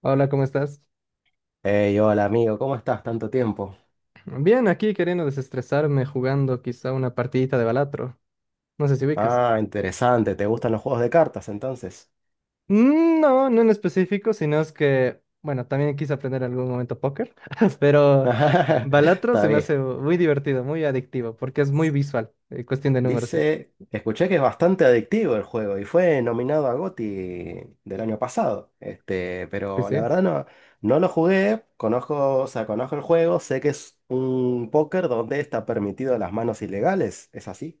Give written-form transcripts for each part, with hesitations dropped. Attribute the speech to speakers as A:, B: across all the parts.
A: Hola, ¿cómo estás?
B: Hey, hola amigo, ¿cómo estás? Tanto tiempo.
A: Bien, aquí queriendo desestresarme jugando quizá una partidita de Balatro. No sé si ubicas.
B: Ah, interesante, ¿te gustan los juegos de cartas entonces?
A: No, no en específico, sino es que, bueno, también quise aprender en algún momento póker, pero Balatro
B: Está
A: se me
B: bien.
A: hace muy divertido, muy adictivo, porque es muy visual, cuestión de números y eso.
B: Dice, escuché que es bastante adictivo el juego y fue nominado a GOTY del año pasado. Este,
A: Sí,
B: pero la
A: sí.
B: verdad no lo jugué, conozco, o sea, conozco el juego, sé que es un póker donde está permitido las manos ilegales, ¿es así?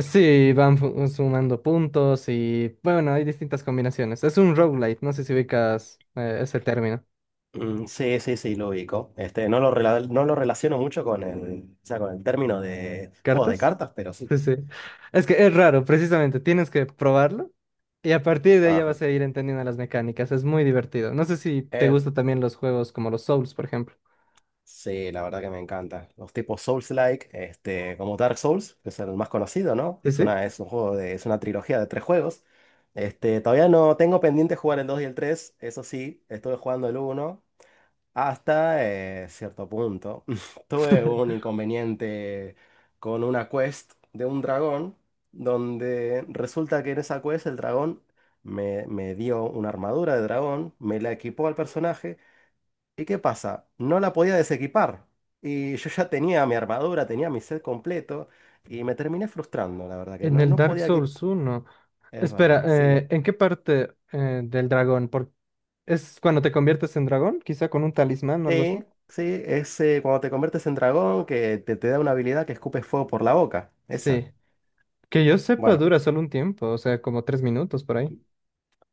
A: Sí, van sumando puntos y, bueno, hay distintas combinaciones. Es un roguelite, no sé si ubicas ese término.
B: Mm, sí, sí, sí, lo ubico. Este, no lo relaciono mucho con el, o sea, con el término de juegos de
A: ¿Cartas?
B: cartas, pero sí.
A: Sí, sí. Es que es raro, precisamente. Tienes que probarlo y a partir de ahí ya
B: Ajá.
A: vas a ir entendiendo las mecánicas. Es muy divertido. No sé si te
B: Eh,
A: gustan también los juegos como los Souls, por ejemplo.
B: sí, la verdad que me encanta. Los tipos Souls-like, este, como Dark Souls, que es el más conocido, ¿no?
A: Sí, sí.
B: Es una trilogía de tres juegos. Este, todavía no tengo pendiente jugar el 2 y el 3 eso sí, estuve jugando el uno hasta cierto punto. Tuve un inconveniente con una quest de un dragón, donde resulta que en esa quest el dragón me dio una armadura de dragón, me la equipó al personaje. ¿Y qué pasa? No la podía desequipar. Y yo ya tenía mi armadura, tenía mi set completo. Y me terminé frustrando, la verdad, que
A: En
B: no,
A: el
B: no
A: Dark
B: podía
A: Souls
B: quitar.
A: uno.
B: Es
A: Espera,
B: verdad, sí.
A: ¿en qué parte del dragón? Por... ¿Es cuando te conviertes en dragón? Quizá con un talismán o algo así.
B: Sí, sí, es cuando te conviertes en dragón que te da una habilidad que escupes fuego por la boca. Esa.
A: Sí. Que yo sepa,
B: Bueno,
A: dura solo un tiempo, o sea, como tres minutos por ahí.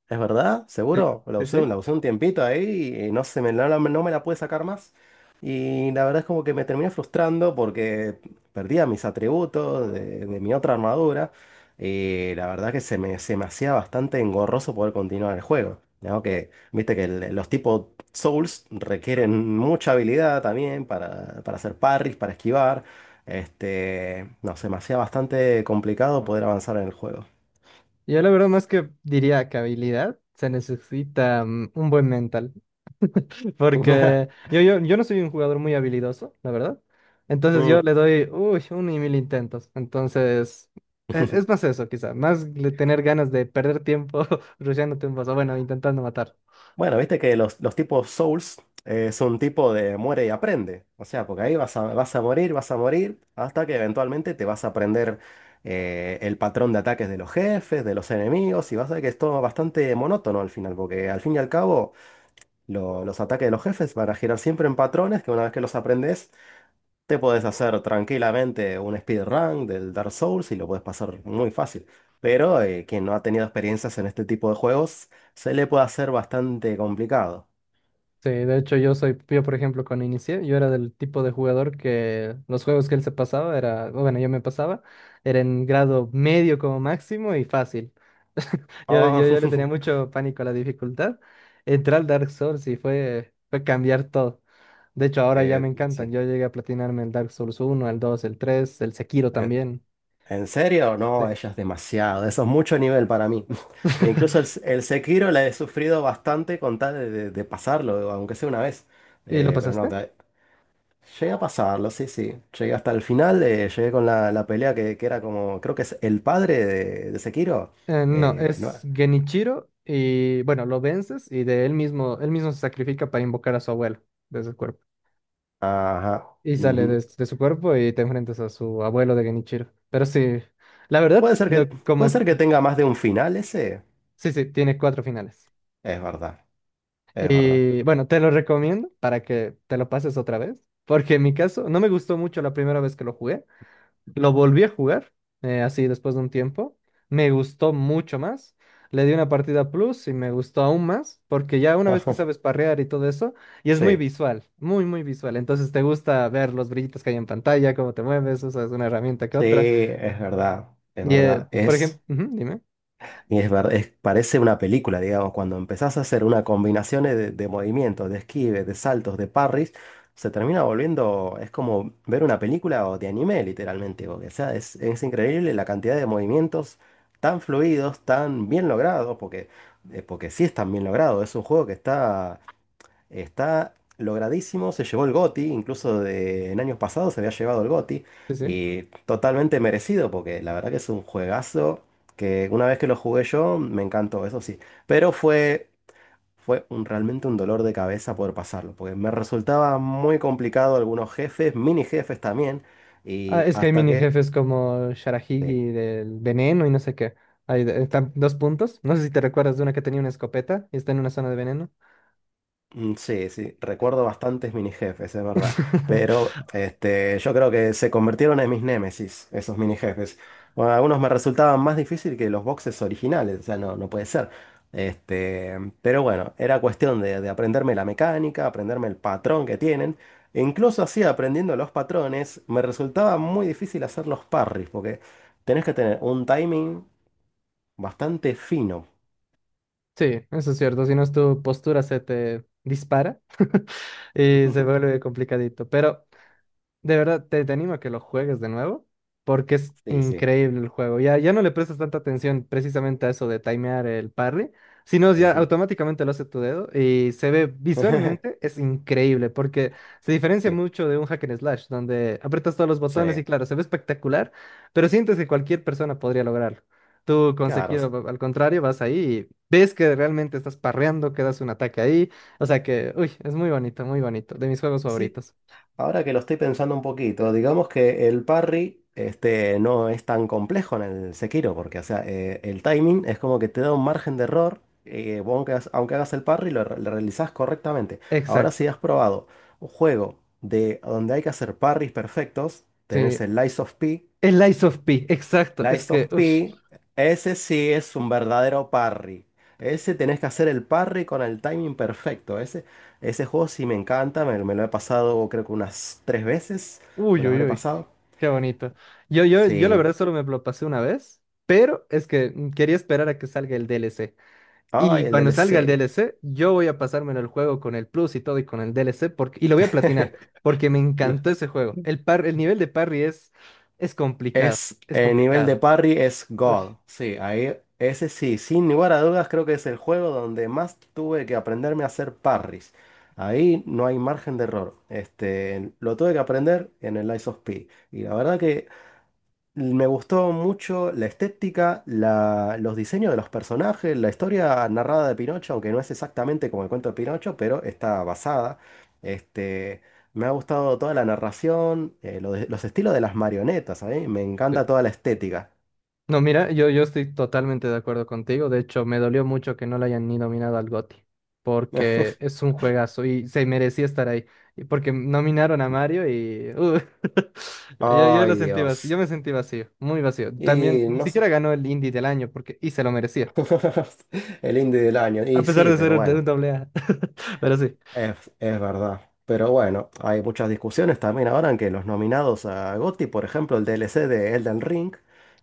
B: ¿es verdad?
A: Sí,
B: ¿Seguro? La
A: sí,
B: usé,
A: sí.
B: la usé un tiempito ahí y no se me, no, no me la pude sacar más. Y la verdad es como que me terminé frustrando porque perdía mis atributos de mi otra armadura. Y la verdad que se me hacía bastante engorroso poder continuar el juego, ¿no? Que viste que los tipos Souls requieren mucha habilidad también para hacer parries, para esquivar. Este, no, se me hacía bastante complicado poder avanzar en el juego.
A: Yo la verdad más que diría que habilidad, se necesita un buen mental. Porque yo no soy un jugador muy habilidoso, la verdad. Entonces yo
B: Mm.
A: le doy, uy, un y mil intentos. Entonces, es más eso, quizá, tener ganas de perder tiempo rusheándote un boss, o bueno, intentando matar.
B: Bueno, viste que los tipos Souls es un tipo de muere y aprende. O sea, porque ahí vas a morir, vas a morir, hasta que eventualmente te vas a aprender el patrón de ataques de los jefes, de los enemigos, y vas a ver que es todo bastante monótono al final, porque al fin y al cabo los ataques de los jefes van a girar siempre en patrones que una vez que los aprendes, te puedes hacer tranquilamente un speedrun del Dark Souls y lo puedes pasar muy fácil. Pero quien no ha tenido experiencias en este tipo de juegos, se le puede hacer bastante complicado.
A: Sí, de hecho yo soy, yo por ejemplo cuando inicié, yo era del tipo de jugador que los juegos que él se pasaba era, bueno, yo me pasaba, era en grado medio como máximo y fácil. Yo,
B: Ah,
A: yo, yo le tenía mucho pánico a la dificultad. Entrar al Dark Souls y fue, fue cambiar todo. De hecho ahora ya me encantan,
B: sí.
A: yo llegué a platinarme el Dark Souls uno, el 2, el 3, el Sekiro
B: ¿En,
A: también.
B: en serio?
A: Sí.
B: No, ella es demasiado. Eso es mucho nivel para mí. E incluso el, el Sekiro la he sufrido bastante con tal de, de pasarlo, aunque sea una vez.
A: ¿Y lo
B: Pero no,
A: pasaste?
B: llegué a pasarlo, sí, sí. Llegué hasta el final, llegué con la pelea que era como, creo que es el padre de Sekiro.
A: No,
B: No,
A: es Genichiro y bueno, lo vences y de él mismo se sacrifica para invocar a su abuelo desde el cuerpo.
B: ajá.
A: Y sale
B: Ujú.
A: de su cuerpo y te enfrentas a su abuelo de Genichiro. Pero sí, la verdad,
B: Puede ser que,
A: lo,
B: puede
A: como,
B: ser que tenga más de un final ese.
A: sí, sí, tiene cuatro finales.
B: Es verdad, es verdad.
A: Y bueno, te lo recomiendo para que te lo pases otra vez, porque en mi caso no me gustó mucho la primera vez que lo jugué. Lo volví a jugar, así después de un tiempo. Me gustó mucho más. Le di una partida plus y me gustó aún más, porque ya una vez
B: Ajá,
A: que sabes parrear y todo eso, y es muy
B: sí.
A: visual, muy, muy visual. Entonces te gusta ver los brillitos que hay en pantalla, cómo te mueves, usas una herramienta que
B: Sí,
A: otra.
B: es
A: Y,
B: verdad,
A: por ejemplo, dime.
B: y es verdad, parece una película, digamos, cuando empezás a hacer una combinación de movimientos, de esquives, de saltos, de parries, se termina volviendo, es como ver una película o de anime, literalmente, porque, o sea, es increíble la cantidad de movimientos tan fluidos, tan bien logrados, porque, porque sí están bien logrados, es un juego que está logradísimo, se llevó el GOTY, incluso en años pasados se había llevado el GOTY,
A: Sí, sí.
B: y totalmente merecido, porque la verdad que es un juegazo que una vez que lo jugué yo, me encantó, eso sí. Pero realmente un dolor de cabeza poder pasarlo, porque me resultaba muy complicado algunos jefes, mini jefes también,
A: Ah,
B: y
A: es que hay
B: hasta
A: mini
B: que...
A: jefes como
B: Sí.
A: Sharahigi del veneno y no sé qué. Hay dos puntos. No sé si te recuerdas de una que tenía una escopeta y está en una zona de veneno.
B: Mm, sí, sí, recuerdo bastantes mini jefes, es verdad. Pero este, yo creo que se convirtieron en mis némesis, esos mini jefes. Bueno, algunos me resultaban más difícil que los boxes originales, o sea, no, no puede ser. Este, pero bueno, era cuestión de aprenderme la mecánica, aprenderme el patrón que tienen. E incluso así, aprendiendo los patrones, me resultaba muy difícil hacer los parries, porque tenés que tener un timing bastante fino.
A: Sí, eso es cierto. Si no es tu postura, se te dispara y se vuelve complicadito. Pero de verdad, te animo a que lo juegues de nuevo, porque es
B: Sí, sí.
A: increíble el juego. Ya, ya no le prestas tanta atención precisamente a eso de timear el parry, sino ya
B: Ujú.
A: automáticamente lo hace tu dedo y se ve visualmente, es increíble, porque se diferencia
B: Sí,
A: mucho de un hack and slash, donde aprietas todos los
B: sí.
A: botones y claro, se ve espectacular, pero sientes que cualquier persona podría lograrlo. Tú con
B: Claro,
A: Sekiro, al contrario, vas ahí y ves que realmente estás parreando, que das un ataque ahí. O sea que, uy, es muy bonito, de mis juegos
B: sí.
A: favoritos.
B: Ahora que lo estoy pensando un poquito, digamos que el parry este, no es tan complejo en el Sekiro, porque o sea, el timing es como que te da un margen de error, vos aunque hagas el parry, lo realizás correctamente. Ahora si
A: Exacto.
B: has probado un juego de donde hay que hacer parries perfectos, tenés
A: Sí,
B: el
A: el Lies of P, exacto. Es
B: Lies
A: que,
B: of
A: ush,
B: P, ese sí es un verdadero parry. Ese tenés que hacer el parry con el timing perfecto. Ese juego sí me encanta, me lo he pasado creo que unas tres veces. Me
A: uy,
B: lo
A: uy,
B: habré
A: uy,
B: pasado.
A: qué bonito. Yo la
B: Sí.
A: verdad solo me lo pasé una vez, pero es que quería esperar a que salga el DLC. Y
B: Ay, el
A: cuando salga el
B: DLC.
A: DLC, yo voy a pasármelo el juego con el plus y todo y con el DLC porque, y lo voy a platinar, porque me encantó ese juego. El par, el nivel de parry es complicado,
B: Es
A: es
B: el nivel de
A: complicado.
B: parry es
A: Uy,
B: God. Sí, ahí ese sí, sin lugar a dudas creo que es el juego donde más tuve que aprenderme a hacer parries. Ahí no hay margen de error. Este, lo tuve que aprender en el Lies of P. Y la verdad que me gustó mucho la estética, los diseños de los personajes, la historia narrada de Pinocho, aunque no es exactamente como el cuento de Pinocho, pero está basada. Este, me ha gustado toda la narración, los estilos de las marionetas, a mí me
A: sí.
B: encanta toda la estética.
A: No, mira, yo estoy totalmente de acuerdo contigo. De hecho, me dolió mucho que no le hayan ni nominado al GOTY, porque es un juegazo y se merecía estar ahí. Y porque nominaron a Mario y yo lo
B: Ay,
A: sentí vacío, yo
B: Dios.
A: me sentí vacío, muy vacío. También
B: Y
A: ni
B: no sé.
A: siquiera ganó el Indie del año porque y se lo merecía,
B: El indie del año.
A: a
B: Y
A: pesar
B: sí,
A: de ser
B: pero
A: un, de
B: bueno.
A: un doble A. Pero sí.
B: Es verdad. Pero bueno, hay muchas discusiones también ahora en que los nominados a GOTY, por ejemplo, el DLC de Elden Ring,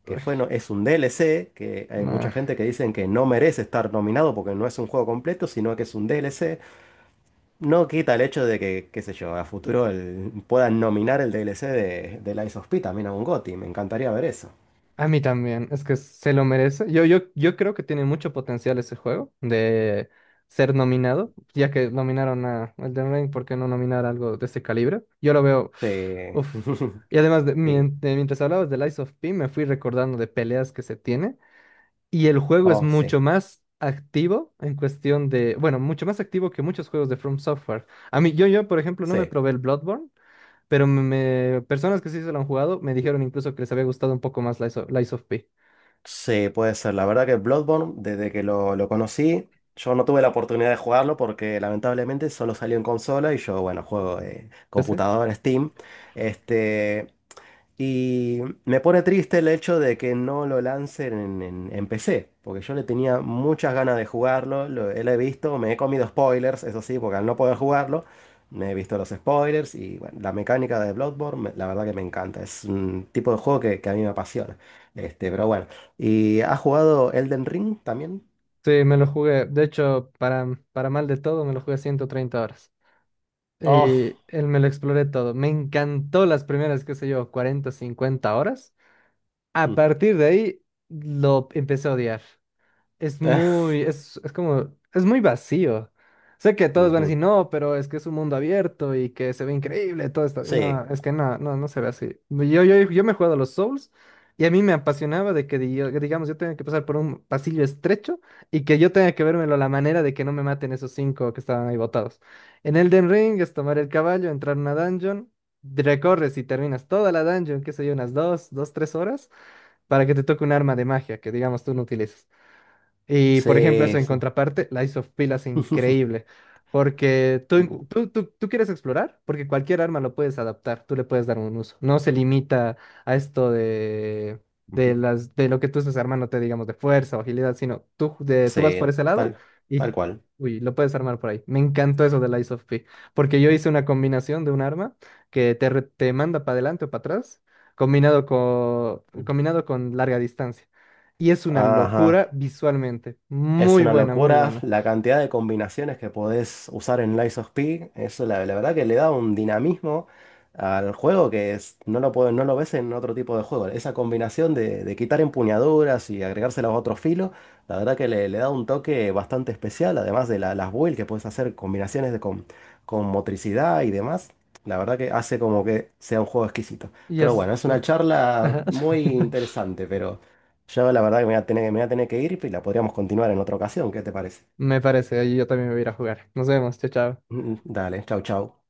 B: que
A: Uy,
B: fue, no, es un DLC, que hay
A: no.
B: mucha gente que dicen que no merece estar nominado porque no es un juego completo, sino que es un DLC. No quita el hecho de que, qué sé yo, a futuro puedan nominar el DLC de Lies of P también a un GOTY. Me encantaría ver eso.
A: A mí también, es que se lo merece. Yo creo que tiene mucho potencial ese juego de ser nominado, ya que nominaron a Elden Ring, ¿por qué no nominar algo de ese calibre? Yo lo veo,
B: Sí.
A: uff. Y además, de,
B: Y-
A: mientras hablabas de Lies of P, me fui recordando de peleas que se tiene, y el juego es
B: oh, sí.
A: mucho más activo en cuestión de, bueno, mucho más activo que muchos juegos de From Software. A mí, por ejemplo, no me
B: Sí.
A: probé el Bloodborne, pero me, personas que sí se lo han jugado me dijeron incluso que les había gustado un poco más Lies of P.
B: Sí, puede ser. La verdad que Bloodborne, desde que lo conocí, yo no tuve la oportunidad de jugarlo porque lamentablemente solo salió en consola y yo, bueno, juego
A: PC.
B: computadora, Steam. Este. Y me pone triste el hecho de que no lo lancen en, en PC, porque yo le tenía muchas ganas de jugarlo, lo he visto, me he comido spoilers, eso sí, porque al no poder jugarlo, me he visto los spoilers y bueno, la mecánica de Bloodborne, la verdad que me encanta, es un tipo de juego que a mí me apasiona. Este, pero bueno, ¿y has jugado Elden Ring también?
A: Sí, sí, me lo jugué. De hecho, para mal de todo, me lo jugué 130 horas.
B: Oh,
A: Y él me lo exploré todo. Me encantó las primeras, qué sé yo, 40, 50 horas. A
B: mm,
A: partir de ahí, lo empecé a odiar. Es
B: eh,
A: muy, es como, es muy vacío. Sé que todos van a decir,
B: ujú.
A: no, pero es que es un mundo abierto y que se ve increíble todo esto. No,
B: Sí,
A: es que no, no, no se ve así. Yo me he jugado a los Souls y a mí me apasionaba de que, digamos, yo tenga que pasar por un pasillo estrecho y que yo tenga que vérmelo a la manera de que no me maten esos cinco que estaban ahí botados. En Elden Ring es tomar el caballo, entrar a una dungeon, recorres y terminas toda la dungeon, qué sé yo, unas dos, dos, tres horas, para que te toque un arma de magia que, digamos, tú no utilizas. Y por ejemplo, eso
B: sí,
A: en
B: sí.
A: contraparte, Lies of P es increíble, porque tú, encu-
B: Ujú.
A: tú quieres explorar, porque cualquier arma lo puedes adaptar, tú le puedes dar un uso. No se limita a esto de, las, de lo que tú estás armando, te digamos, de fuerza o agilidad, sino tú, de, tú vas por
B: Sí,
A: ese lado
B: tal
A: y
B: tal cual.
A: uy, lo puedes armar por ahí. Me encantó eso de Lies of P, porque yo hice una combinación de un arma que te, te manda para adelante o para atrás, combinado con larga distancia. Y es una
B: Ajá.
A: locura visualmente.
B: Es
A: Muy
B: una
A: buena, muy
B: locura
A: buena.
B: la cantidad de combinaciones que podés usar en Lies of P. Eso la verdad que le da un dinamismo al juego que no lo ves en otro tipo de juego. Esa combinación de quitar empuñaduras y agregárselas a otro filo, la verdad que le da un toque bastante especial, además de las builds que puedes hacer, combinaciones con motricidad y demás. La verdad que hace como que sea un juego exquisito.
A: Pero
B: Pero
A: es...
B: bueno, es una
A: Pero
B: charla
A: bueno,
B: muy interesante, yo la verdad que me voy a tener que ir y la podríamos continuar en otra ocasión. ¿Qué te parece?
A: me parece, ahí yo también me voy a ir a jugar. Nos vemos, chao, chao.
B: Dale, chau, chau.